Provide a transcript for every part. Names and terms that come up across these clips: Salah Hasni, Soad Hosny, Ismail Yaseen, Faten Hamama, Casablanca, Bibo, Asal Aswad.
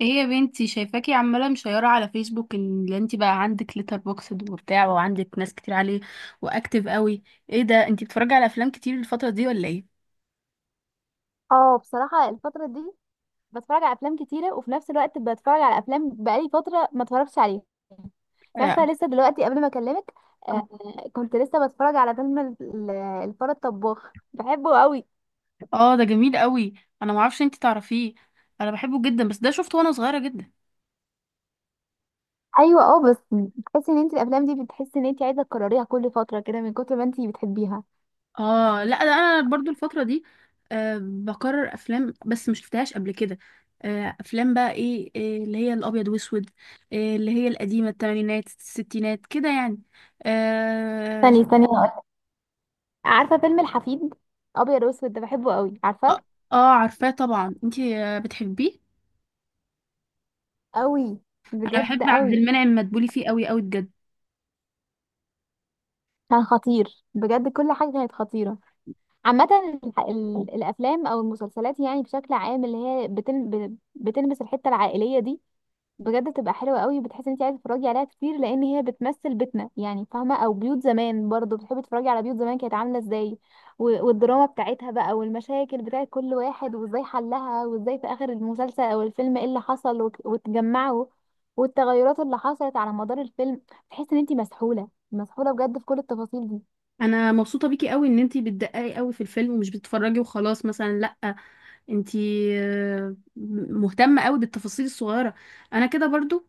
ايه يا بنتي، شايفاكي عماله مشيره على فيسبوك ان انت بقى عندك ليتر بوكسد وبتاع وعندك ناس كتير عليه واكتف قوي. ايه ده، انت بتتفرجي على افلام كتير الفتره دي ولا ايه؟ اه، بصراحة الفترة دي بتفرج على افلام كتيرة، وفي نفس الوقت بتفرج على افلام بقالي فترة ما اتفرجتش عليها. انت اه. عارفة لسه دلوقتي قبل ما اكلمك آه كنت لسه بتفرج على فيلم الفار الطباخ، بحبه قوي. ده جميل قوي. انا معرفش انت تعرفيه. انا بحبه جدا، بس ده شفته وانا صغيره جدا. ايوه، بس بتحسي ان انت الافلام دي بتحسي ان انت عايزة تكرريها كل فترة كده من كتر ما انت بتحبيها. اه لا، ده انا برضو الفتره دي بكرر افلام، بس مش شفتهاش قبل كده. آه افلام بقى ايه، إيه اللي هي الابيض واسود، إيه اللي هي القديمه، الثمانينات الستينات كده يعني. آه، ثانية ثانية هقولك. عارفة فيلم الحفيد؟ ابيض واسود، ده بحبه قوي، اه، عارفة؟ عارفاه طبعا. انتي بتحبيه. قوي، انا بحب بجد عبد قوي. المنعم مدبولي فيه قوي قوي بجد. كان خطير بجد، كل حاجة كانت خطيرة. عامة الأفلام أو المسلسلات يعني بشكل عام اللي هي بتلمس الحتة العائلية دي، بجد بتبقى حلوة قوي، بتحس إن أنت عايزة تتفرجي عليها كتير لأن هي بتمثل بيتنا، يعني فاهمة؟ أو بيوت زمان برضه بتحبي تتفرجي على بيوت زمان كانت عاملة إزاي. والدراما بتاعتها بقى، والمشاكل بتاعت كل واحد وإزاي حلها، وإزاي في آخر المسلسل أو الفيلم إيه اللي حصل وتجمعوا، والتغيرات اللي حصلت على مدار الفيلم. تحس إن أنت مسحولة مسحولة بجد في كل التفاصيل دي. انا مبسوطه بيكي قوي ان انتي بتدققي قوي في الفيلم ومش بتتفرجي وخلاص مثلا، لا، انتي آه، مهتمه قوي بالتفاصيل الصغيره. انا كده برضو،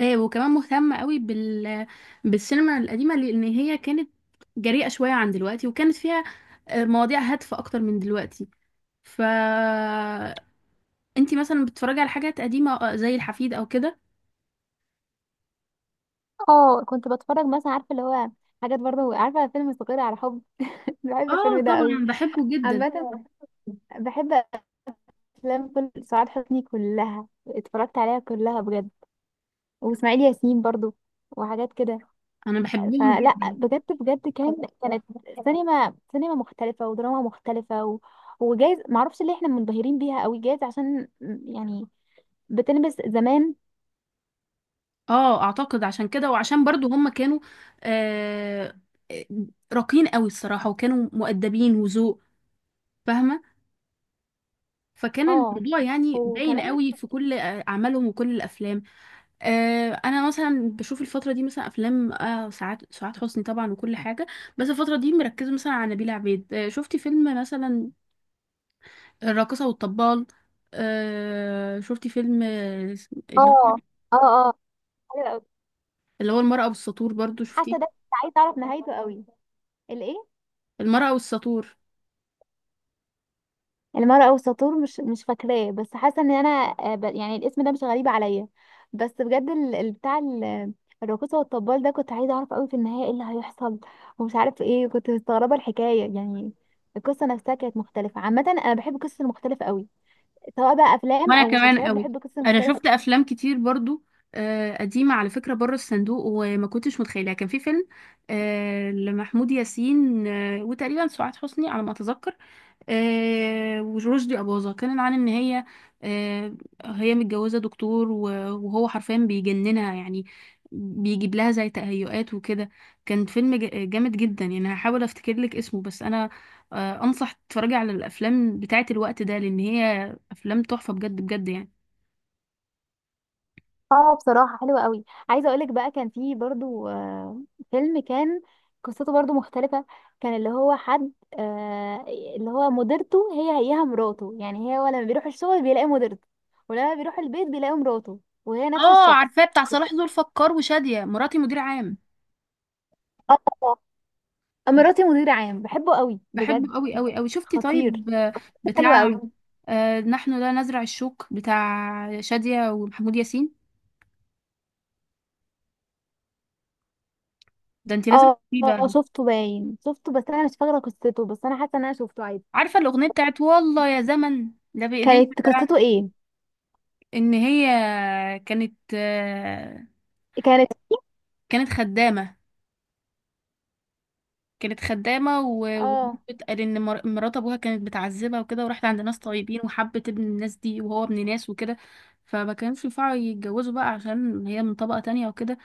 وكمان مهتمه قوي بالسينما القديمه، لان هي كانت جريئه شويه عن دلوقتي، وكانت فيها مواضيع هادفه اكتر من دلوقتي. ف انتي مثلا بتتفرجي على حاجات قديمه زي الحفيد او كده؟ اه، كنت بتفرج مثلا، عارفه اللي هو حاجات برضه، عارفه فيلم فقير على حب؟ بحب اه الفيلم ده قوي. طبعا بحبه جدا. عامه أيوة. بحب افلام كل سعاد حسني كلها، اتفرجت عليها كلها بجد. واسماعيل ياسين برضه وحاجات كده. انا بحبهم فلا، جدا. بجد بجد، كانت سينما سينما مختلفه ودراما مختلفه وجايز معرفش ليه احنا منبهرين بيها قوي، جايز عشان يعني بتلمس زمان. اه اعتقد عشان كده، وعشان برضو هم كانوا آه راقيين قوي الصراحة، وكانوا مؤدبين وذوق، فاهمة، فكان اه. الموضوع يعني باين وكمان. قوي في كل اعمالهم وكل الافلام. آه انا مثلا بشوف الفترة دي مثلا افلام آه سعاد حسني طبعا وكل حاجة. بس الفترة دي مركزة مثلا على نبيلة عبيد. آه شفتي فيلم مثلا الراقصة والطبال؟ آه شفتي فيلم آه، اللي هو اه، اه، اه، حلو قوي. اللي هو المرأة والسطور، برضو شفتيه؟ حتى ده كنت عايزه اعرف نهايته قوي، الايه؟ المرأة والسطور. المرأة والساطور، مش فاكراه، بس حاسة ان انا يعني الاسم ده مش غريب عليا. بس بجد، الراقصة والطبال ده كنت عايزة اعرف قوي في النهاية ايه اللي هيحصل، ومش عارف ايه، كنت مستغربة الحكاية يعني. القصة نفسها كانت مختلفة. عامة انا بحب القصص المختلفة قوي، سواء بقى افلام وانا او كمان مسلسلات، قوي. بحب القصص انا المختلفة. شفت افلام كتير برضو قديمة على فكرة، بره الصندوق وما كنتش متخيلها. كان في فيلم لمحمود ياسين وتقريبا سعاد حسني على ما اتذكر، ورشدي أباظة، كان عن إن هي آه، هي متجوزة دكتور وهو حرفيا بيجننها يعني، بيجيب لها زي تهيؤات وكده. كان فيلم جامد جدا يعني. هحاول أفتكر لك اسمه، بس أنا أنصح تتفرجي على الأفلام بتاعة الوقت ده، لأن هي أفلام تحفة بجد بجد يعني. اه، بصراحة حلوة قوي. عايزة اقولك بقى كان في برضو فيلم كان قصته برضو مختلفة. كان اللي هو حد، آه، اللي هو مديرته هي هيها مراته، يعني هي لما بيروح الشغل بيلاقي مديرته، ولما بيروح البيت بيلاقي مراته، وهي نفس اه الشخص. عارفاه، بتاع صلاح ذو الفقار وشادية، مراتي مدير عام. اه، مراتي مدير عام، بحبه قوي بجد. بحبه قوي قوي قوي. شفتي خطير. طيب حلو بتاع قوي. نحن لا نزرع الشوك، بتاع شادية ومحمود ياسين؟ ده انت لازم اه، تسيبي بقى. اه، شفته باين شفته، بس انا مش فاكرة قصته، بس انا حاسة ان انا شفته عادي. عارفه الاغنيه بتاعت والله يا زمن، ده بايديك كانت الدرع. قصته ايه؟ ان هي كانت آه، كانت. كانت خدامه. كانت خدامه، اه، وبتقال ان مرات ابوها كانت بتعذبها وكده، وراحت عند ناس طيبين، وحبت ابن الناس دي، وهو ابن ناس وكده، فما كانوش ينفعوا يتجوزوا بقى عشان هي من طبقه تانية وكده،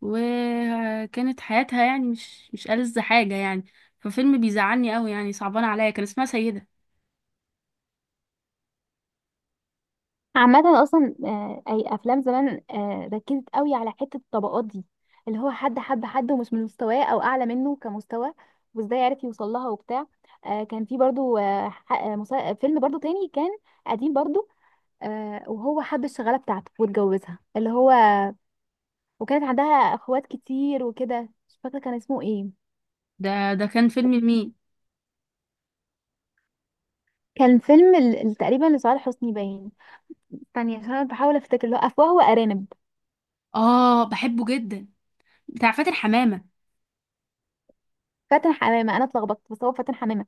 وكانت حياتها يعني مش ألذ حاجه يعني. ففيلم بيزعلني قوي يعني، صعبان عليا. كان اسمها سيده. عامة أصلا أي أفلام زمان ركزت قوي على حتة الطبقات دي، اللي هو حد حب حد ومش من مستواه أو أعلى منه كمستوى، وإزاي عرف يوصل لها وبتاع. كان في برضو فيلم برضو تاني كان قديم برضو، وهو حب الشغالة بتاعته واتجوزها اللي هو، وكانت عندها أخوات كتير وكده. مش فاكرة كان اسمه ايه. ده كان فيلم لمين؟ كان فيلم تقريبا لصالح حسني باين. ثانية عشان أنا بحاول أفتكر، اللي هو أفواه وأرانب. اه بحبه جدا، بتاع فاتن حمامة. فاتن حمامة. أنا اتلخبطت بس هو فاتن حمامة.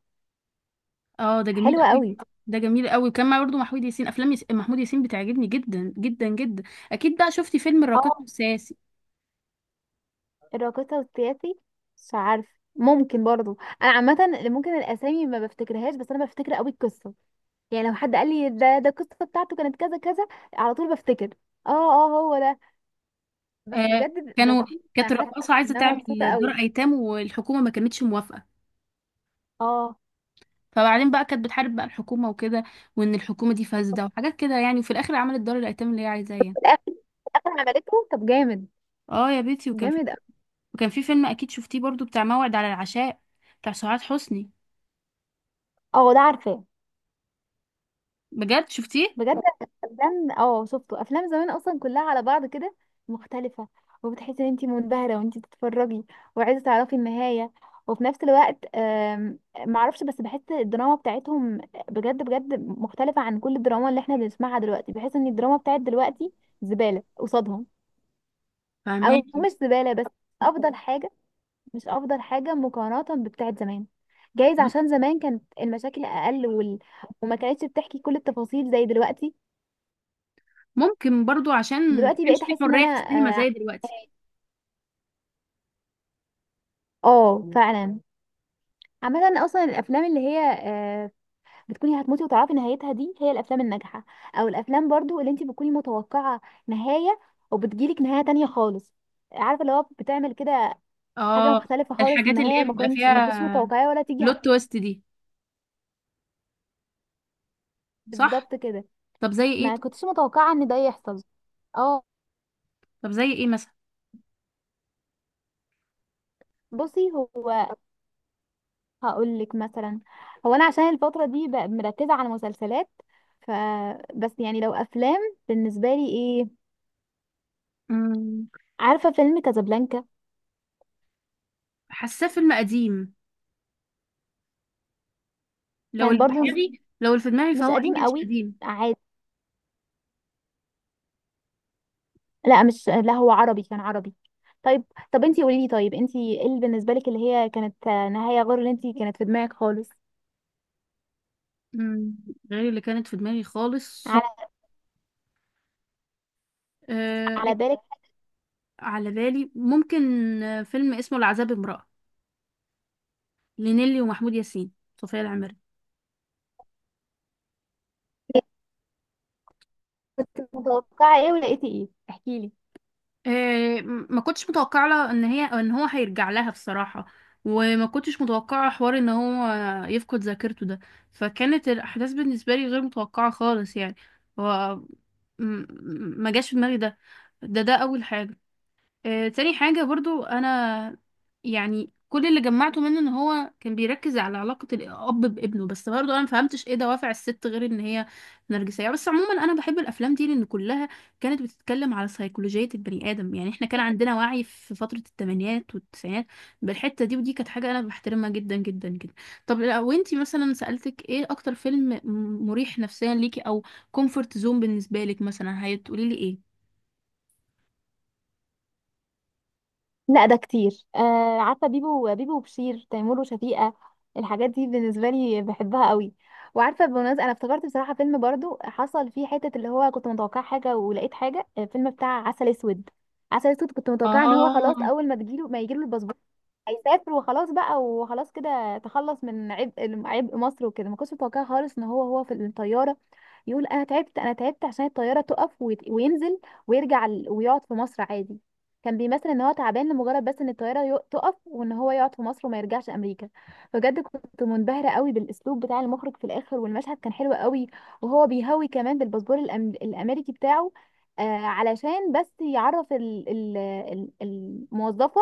اه ده جميل حلوة قوي. قوي. ده جميل قوي، كان معاه برضه محمود ياسين. محمود ياسين بتعجبني جدا جدا جدا. اكيد بقى شفتي فيلم الراقص والساسي؟ الراقصة والسياسي؟ مش عارفة، ممكن برضو. انا عامة ممكن الاسامي ما بفتكرهاش، بس انا بفتكر قوي القصة. يعني لو حد قال لي ده القصة بتاعته كانت كذا كذا، على طول بفتكر. اه، اه، هو ده. بس آه، بجد كانوا بكون كانت حاسة رقاصة عايزة ان انا مبسوطة تعمل دار قوي. ايتام، والحكومة ما كانتش موافقة، اه، فبعدين بقى كانت بتحارب بقى الحكومة وكده، وان الحكومة دي فاسدة وحاجات كده يعني، وفي الاخر عملت دار الايتام اللي هي عايزاه يعني. في الاخر عملته. طب جامد. اه يا بيتي. جامد أوي. وكان في فيلم اكيد شفتيه برضه، بتاع موعد على العشاء، بتاع سعاد حسني. اه، ده عارفاه. بجد شفتيه؟ بجد. افلام، اه شفته. افلام زمان اصلا كلها على بعض كده مختلفه، وبتحسي ان انت منبهره وانت بتتفرجي وعايزه تعرفي النهايه، وفي نفس الوقت معرفش، بس بحس الدراما بتاعتهم بجد بجد مختلفه عن كل الدراما اللي احنا بنسمعها دلوقتي. بحس ان الدراما بتاعت دلوقتي زباله قصادهم، او فهماكي. مش زباله، بس افضل حاجه، مش افضل حاجه مقارنه بتاعت زمان. جايز عشان زمان كانت المشاكل اقل وما كانتش بتحكي كل التفاصيل زي دلوقتي. ممكن برضو عشان ما دلوقتي بقيت كانش في احس ان حرية انا في السينما اه، زي دلوقتي. فعلا. عامة اصلا الافلام اللي هي بتكوني هتموتي وتعرفي نهايتها دي هي الافلام الناجحة، او الافلام برضو اللي انت بتكوني متوقعة نهاية وبتجيلك نهاية تانية خالص. عارفة، اللي هو بتعمل كده حاجة اه، مختلفة خالص، الحاجات اللي نهاية هي بيبقى ما كنتش فيها متوقعة ولا تيجي بلوت تويست دي. صح. بالظبط كده، طب زي ايه؟ ما كنتش متوقعة ان ده يحصل. اه، طب زي ايه مثلا؟ بصي، هو هقول لك مثلا. هو انا عشان الفتره دي بقى مركزه على مسلسلات، ف بس يعني لو افلام بالنسبه لي ايه؟ مم، عارفه فيلم كازابلانكا؟ حاساه فيلم قديم. لو كان اللي برضو في بحب. دماغي، مش فهو قديم انجلش قوي، قديم. عادي. لا، مش، لا هو عربي، كان عربي. طيب، طب انتي قولي لي، طيب انتي ايه اللي بالنسبه لك اللي هي كانت نهايه غير اللي انتي كانت في دماغك خالص؟ مم، غير اللي كانت في دماغي خالص. على، آه، على بالك، على بالي ممكن فيلم اسمه العذاب امرأة، لنيلي ومحمود ياسين، صوفيا العمري. كنت متوقعه ايه ولقيتي ايه؟ احكي لي. إيه، ما كنتش متوقعه لها ان هي ان هو هيرجع لها بصراحه، وما كنتش متوقعه حوار ان هو يفقد ذاكرته ده، فكانت الاحداث بالنسبه لي غير متوقعه خالص يعني. هو م- م- ما جاش في دماغي ده. ده اول حاجه. تاني حاجة برضو أنا، يعني كل اللي جمعته منه إن هو كان بيركز على علاقة الأب بابنه، بس برضو أنا مفهمتش إيه دوافع الست غير إن هي نرجسية. بس عموما أنا بحب الأفلام دي، لأن كلها كانت بتتكلم على سيكولوجية البني آدم. يعني إحنا كان عندنا وعي في فترة التمانينات والتسعينات بالحتة دي، ودي كانت حاجة أنا بحترمها جدا جدا جدا. طب لو أنتي مثلا سألتك إيه أكتر فيلم مريح نفسيا ليكي، أو كومفورت زون بالنسبة لك مثلا، هتقولي لي إيه؟ لا، ده كتير. آه، عارفه بيبو بيبو وبشير تيمور وشفيقة، الحاجات دي بالنسبه لي بحبها قوي. وعارفه بالمناسبه انا افتكرت بصراحه فيلم برضو حصل فيه حته اللي هو كنت متوقع حاجه ولقيت حاجه، الفيلم بتاع عسل اسود. عسل اسود كنت متوقع ان هو اه. خلاص اول ما تجيله ما يجيله الباسبور، هيسافر وخلاص بقى، وخلاص كده تخلص من عبء مصر وكده. ما كنتش متوقعه خالص ان هو في الطياره يقول انا تعبت انا تعبت، عشان الطياره تقف وينزل، ويرجع ويقعد في مصر عادي. كان بيمثل ان هو تعبان لمجرد بس ان الطياره تقف، وان هو يقعد في مصر وما يرجعش امريكا. بجد كنت منبهره قوي بالاسلوب بتاع المخرج في الاخر، والمشهد كان حلو قوي، وهو بيهوي كمان بالباسبور الامريكي بتاعه، آه علشان بس يعرف ال- الموظفه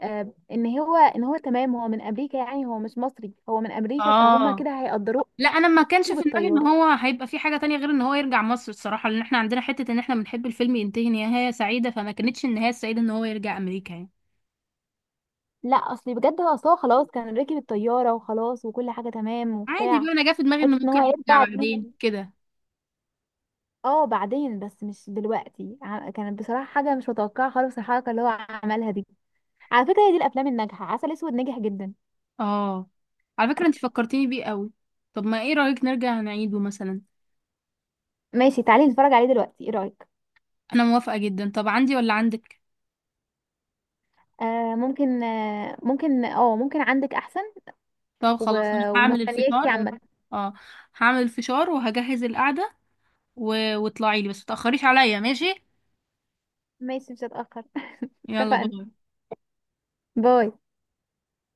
آه ان هو تمام، هو من امريكا يعني، هو مش مصري، هو من امريكا، فهم اه كده هيقدروه. لا، انا ما كانش في دماغي ان بالطياره. هو هيبقى في حاجه تانية غير ان هو يرجع مصر الصراحه، لان احنا عندنا حته ان احنا بنحب الفيلم ينتهي نهايه سعيده، فما كانتش النهايه السعيده ان هو يرجع امريكا يعني. لا، اصلي بجد هو اصلا خلاص كان راكب الطياره وخلاص، وكل حاجه تمام عادي وبتاع. بقى، انا جا في دماغي انه حته ان ممكن هو يرجع يرجع دي بعدين كده. اه، بعدين بس مش دلوقتي. كانت بصراحه حاجه مش متوقعه خالص الحركه اللي هو عملها دي. على فكره هي دي الافلام الناجحه، عسل اسود ناجح جدا. اه، على فكره انت فكرتيني بيه قوي. طب ما ايه رايك نرجع نعيده مثلا؟ ماشي، تعالي نتفرج عليه دلوقتي، ايه رايك؟ انا موافقه جدا. طب عندي ولا عندك؟ ممكن عندك احسن. طب و... خلاص، انا هعمل ومستنياكي الفشار. عامه. اه هعمل الفشار وهجهز القعده، واطلعي لي بس متاخريش عليا، ماشي؟ ماشي، مش هتاخر. يلا اتفقنا. باي. باي.